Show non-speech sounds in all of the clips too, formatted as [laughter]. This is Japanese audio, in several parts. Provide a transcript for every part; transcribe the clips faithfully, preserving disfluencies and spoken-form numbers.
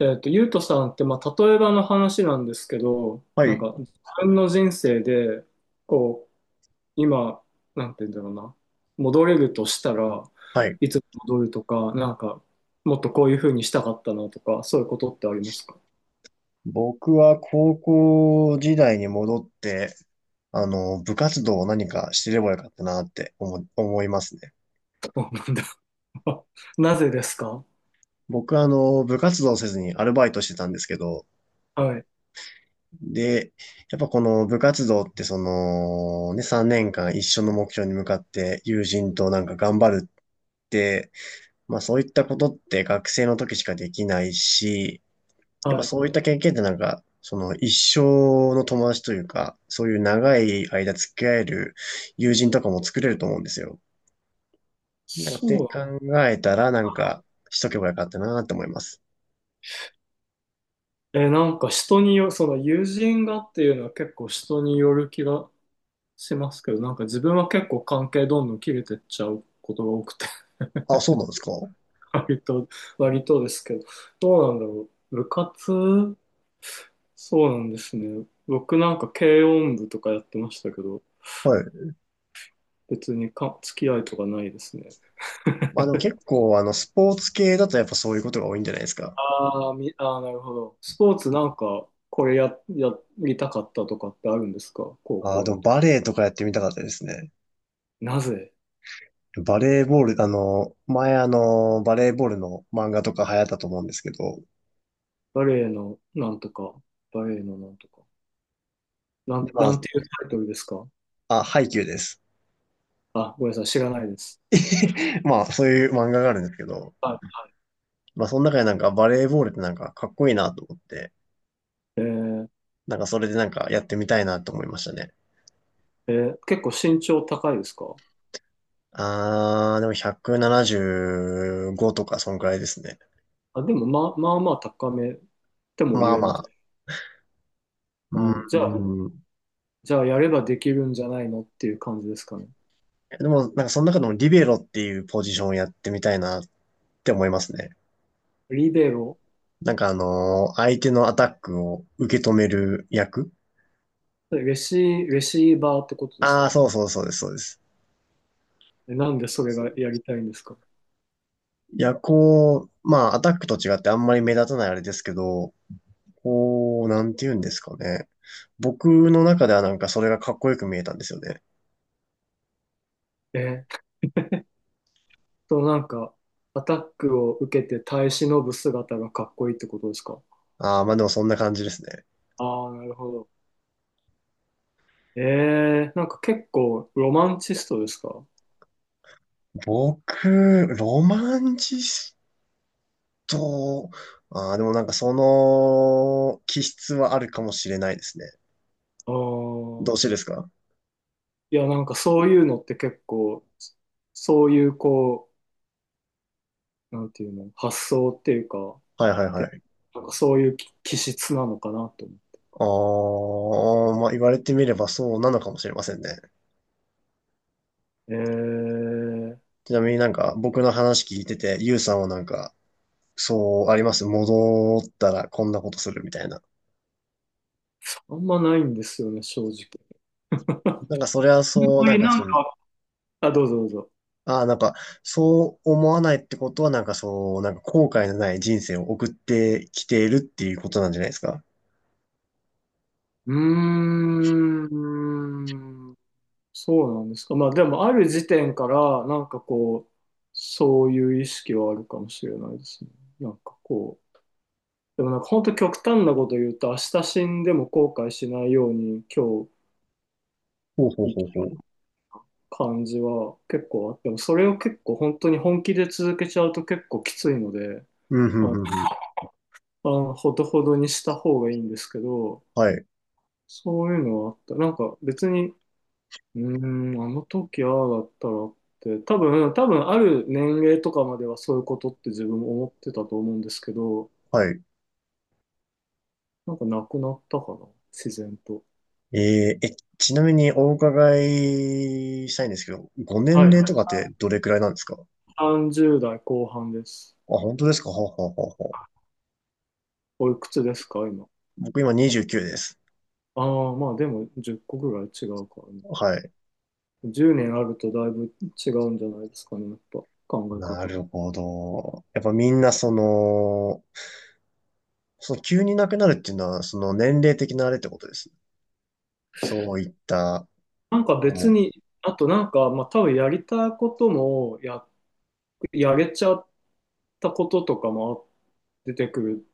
えっと、ゆうとさんって、まあ、例えばの話なんですけど、はなんい、か、自分の人生で、こう、今、なんて言うんだろうな、戻れるとしたらはい。いつ戻るとか、なんか、もっとこういうふうにしたかったなとか、そういうことってありますか？僕は高校時代に戻って、あの、部活動を何かしてればよかったなって思、思いますね。そうなんだ。[laughs] なぜですか？僕はあの、部活動せずにアルバイトしてたんですけど、はい、で、やっぱこの部活動ってその、ね、さんねんかん一緒の目標に向かって友人となんか頑張るって、まあそういったことって学生の時しかできないし、やっぱはい。そういった経験ってなんか、その一生の友達というか、そういう長い間付き合える友人とかも作れると思うんですよ。なんかってそ考えたらなんかしとけばよかったなって思います。う。え、なんか人によ、その友人がっていうのは結構人による気がしますけど、なんか自分は結構関係どんどん切れてっちゃうことが多くてあ、そうなんですか？割と、割とですけど、どうなんだろう。部活そうなんですね。僕なんか軽音部とかやってましたけど、はい。別にか付き合いとかないですね。まあでも結構あのスポーツ系だとやっぱそういうことが多いんじゃないですか？ああ、み、ああ、なるほど。スポーツなんか、これや、やりたかったとかってあるんですか高ああ、校でもの。バレーとかやってみたかったですね。なぜ？バレーボール、あの、前あの、バレーボールの漫画とか流行ったと思うんですけど、バレエのなんとか、バレエのなんとか。なで、ん、まなあ、んていうタイトルですか？あ、ハイキューです。あ、ごめんなさい、知らないです。[laughs] まあ、そういう漫画があるんですけど、はまあ、その中でなんかバレーボールってなんかかっこいいなと思って、い。えーなんかそれでなんかやってみたいなと思いましたね。えー結構身長高いですか？あー、でもひゃくななじゅうごとかそんくらいですね。あ、でも、まあ、まあまあ高めともまあ言えまます。あ。あうー、じゃあ、んうん。じゃあやればできるんじゃないのっていう感じですかね。でも、なんかその中でもリベロっていうポジションをやってみたいなって思いますね。リベロ、なんかあのー相手のアタックを受け止める役。レシ、レシーバーってことですあか？あ、そうそうそうです、そうです。えなんでそれがやりたいんですか？いや、こう、まあ、アタックと違ってあんまり目立たないあれですけど、こう、なんて言うんですかね。僕の中ではなんかそれがかっこよく見えたんですよね。えと、なんか、アタックを受けて耐え忍ぶ姿がかっこいいってことですか？ああ、まあでもそんな感じですね。ああー、なるほど。えー、なんか結構ロマンチストですか？僕、ロマンチスト、ああ、でもなんかその気質はあるかもしれないですね。あどうーしてですか？いや、なんかそういうのって結構、そういうこう、なんていうの、発想っていうか、はいはいはて、い。なんかそういう気気質なのかなと思う。ああ、まあ言われてみればそうなのかもしれませんね。えー、ちなみになんか僕の話聞いてて、ゆうさんはなんか、そうあります。戻ったらこんなことするみたいな。あんまないんですよね、正直。あんなんかそれはそう、まなんりかなんその、か、あ、どうぞどうぞ。ああ、なんか、そう思わないってことは、なんかそう、なんか後悔のない人生を送ってきているっていうことなんじゃないですか？うーん、そうなんですか。まあでも、ある時点から、なんかこう、そういう意識はあるかもしれないですね。なんかこう、でもなんか本当極端なこと言うと、明日死んでも後悔しないように今日ほうほうほう生ほう。感じは結構あっても、それを結構本当に本気で続けちゃうと結構きついので、うん、ふんあふんふん。あほどほどにした方がいいんですけど、はい、そういうのはあった。なんか別に、うーん、あの時ああだったらって、多分、多分ある年齢とかまではそういうことって自分も思ってたと思うんですけど、はい。なんかなくなったかな、自然と。えー、え、ちなみにお伺いしたいんですけど、ごは年い。齢とかってどれくらいなんですかあ？さんじゅう代後半です。本当ですか？はあはあはあはあ。おいくつですか、今。僕今にじゅうきゅうです。ああ、まあでもじゅっこぐらい違うからね。はい。じゅうねんあるとだいぶ違うんじゃないですかね、やっぱ考えな方。るほど。やっぱみんなその、その急に亡くなるっていうのは、その年齢的なあれってことですね。そういった、あなんか別の、に、あとなんか、まあ多分やりたいこともや、やれちゃったこととかも出てくる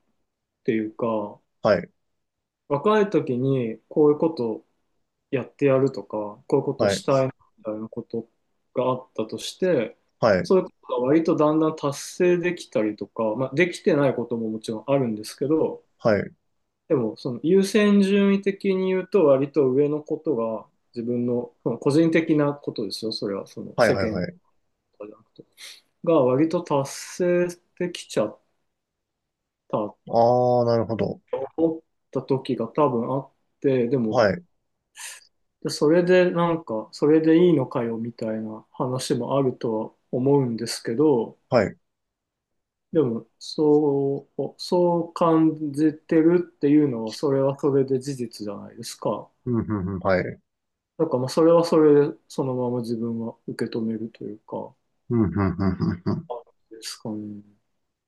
っていうか、はい。若い時にこういうことやってやるとか、こういうことはい、したいみたいなことがあったとして、はい、そういうことが割とだんだん達成できたりとか、まあできてないことももちろんあるんですけど、はい、はでも、その優先順位的に言うと、割と上のことが、自分の、その個人的なことですよ、それは、そのい、世はい、間とはい。かじゃなくて、が割と達成できちゃったとああ、なるほど。思った時が多分あって、でも、はい、それでなんか、それでいいのかよみたいな話もあるとは思うんですけど、はい。でも、そう、そう感じてるっていうのは、それはそれで事実じゃないですか。うん、うん、うん、はい。なんかまあそれはそれでそのまま自分は受け止めるというか、うん、うん、うん、うん、ですかね。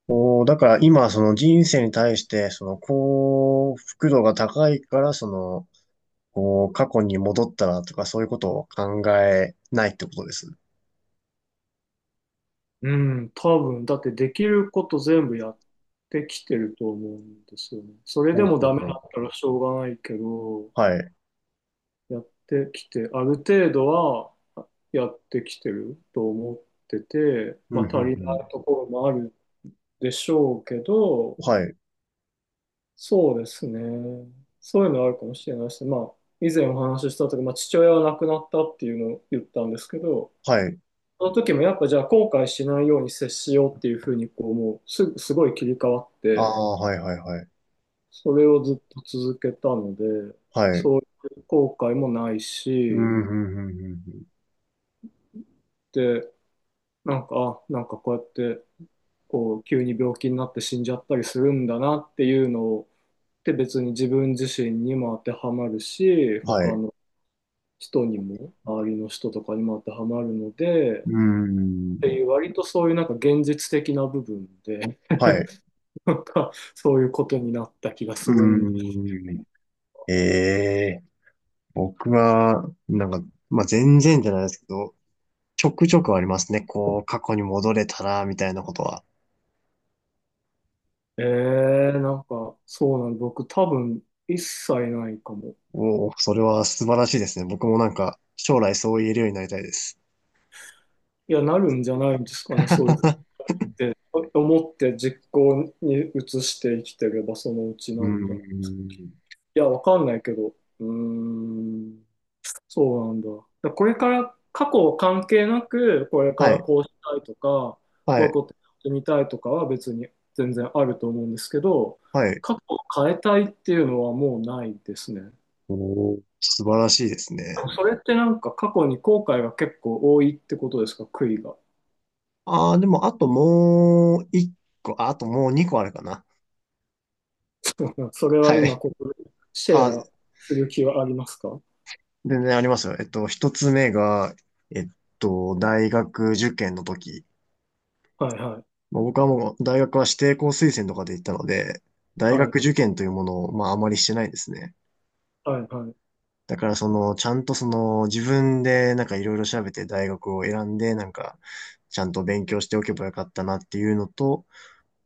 おー、だから今、その人生に対して、その幸福度が高いから、その、こう、過去に戻ったらとか、そういうことを考えないってことです。うん、多分、だってできること全部やってきてると思うんですよね。それでほうもほダうメほう。だったらしょうがないけど、はい。やってきて、ある程度はやってきてると思ってて、うん、まうあ足ん、りなうん。いところもあるでしょうけど、はい、そうですね。そういうのあるかもしれないし、まあ、以前お話しした時、まあ、父親は亡くなったっていうのを言ったんですけど、はい。その時もやっぱじゃあ後悔しないように接しようっていうふうに、こう、もうす、すごい切り替わっあて、あ、はい、はい、はい。それをずっと続けたので、はい。そういう後悔もないうし、ん、うん、うん、うん。うん、で、なんか、あ、なんかこうやって、こう、急に病気になって死んじゃったりするんだなっていうのを、で別に自分自身にも当てはまるし、は他い。の人にも、周りの人とかにも当てはまるので、っうん。ていう割とそういうなんか現実的な部分で、はい。[laughs] なんかそういうことになった気がするんで。うん。ええ、僕は、なんか、まあ、全然じゃないですけど、ちょくちょくありますね。こう、過去に戻れたら、みたいなことは。えー、なんかそうなの、僕多分一切ないかも。おお、それは素晴らしいですね。僕もなんか、将来そう言えるようになりたいです。いや、なるんじゃないんですかね、そういうっ [laughs] て思って実行に移して生きてればそのうちなうーるんじゃない。ん。いや、わかんないけど、うーん。そうなんだ。だからこれから過去関係なく、これかはらい、こうしたいとか、こはういうい、ことやってみたいとかは別に全然あると思うんですけど、はい。過去を変えたいっていうのはもうないですね。おお、素晴らしいですね。それってなんか過去に後悔が結構多いってことですか、悔いが。ああ、でも、あともう一個、ああ、ともう二個あるかな。[laughs] それはは今い。ここでシあ、ェアする気はありますか？は全然ありますよ。えっと、一つ目が、えっと、大学受験の時。いはい。まあ、僕はもう大学は指定校推薦とかで行ったので、大はい学受験というものをまああまりしてないですね。はいはい。だからその、ちゃんとその自分でなんかいろいろ調べて大学を選んで、なんかちゃんと勉強しておけばよかったなっていうのと、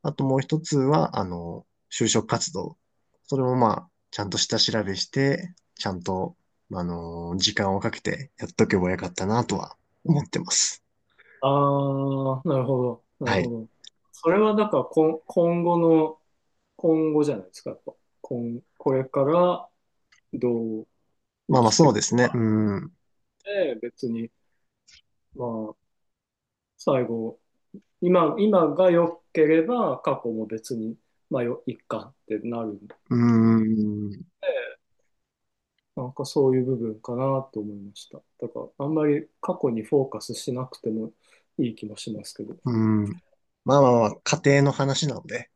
あともう一つは、あの、就職活動。それもまあ、ちゃんと下調べして、ちゃんと、あの、時間をかけてやっとけばよかったなとは思ってます。ああ、なるほど、なるはほい。ど。それはだから今、今後の、今後じゃないですか、やっぱ。今、これからどう生まあまあきてそいうくですね。うん。うで、別に、まあ、最後、今、今が良ければ過去も別に、まあ、よ、いっかってなるんで、ーん。なんかそういう部分かなと思いました。だから、あんまり過去にフォーカスしなくてもいい気もしますけど、うん。まあまあまあ、家庭の話なので。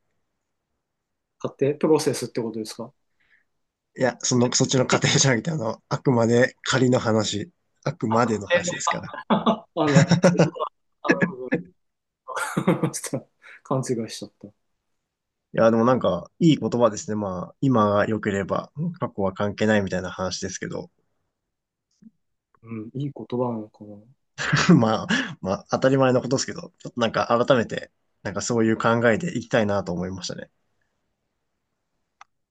家庭、プロセスってことですか？いや、その、そっちの家庭じゃなくて、あの、あくまで仮の話。あくあ、までの家話ですか庭の、[laughs] あ、な、家ら。[laughs] あ、なるほど。[laughs] ちょっと勘違いしちゃった。いや、でもなんか、いい言葉ですね。まあ、今が良ければ、過去は関係ないみたいな話ですけど。うん、いい言葉なのかな。[laughs] まあ、まあ、当たり前のことですけど、ちょっとなんか改めて、なんかそういう考えでいきたいなと思いましたね。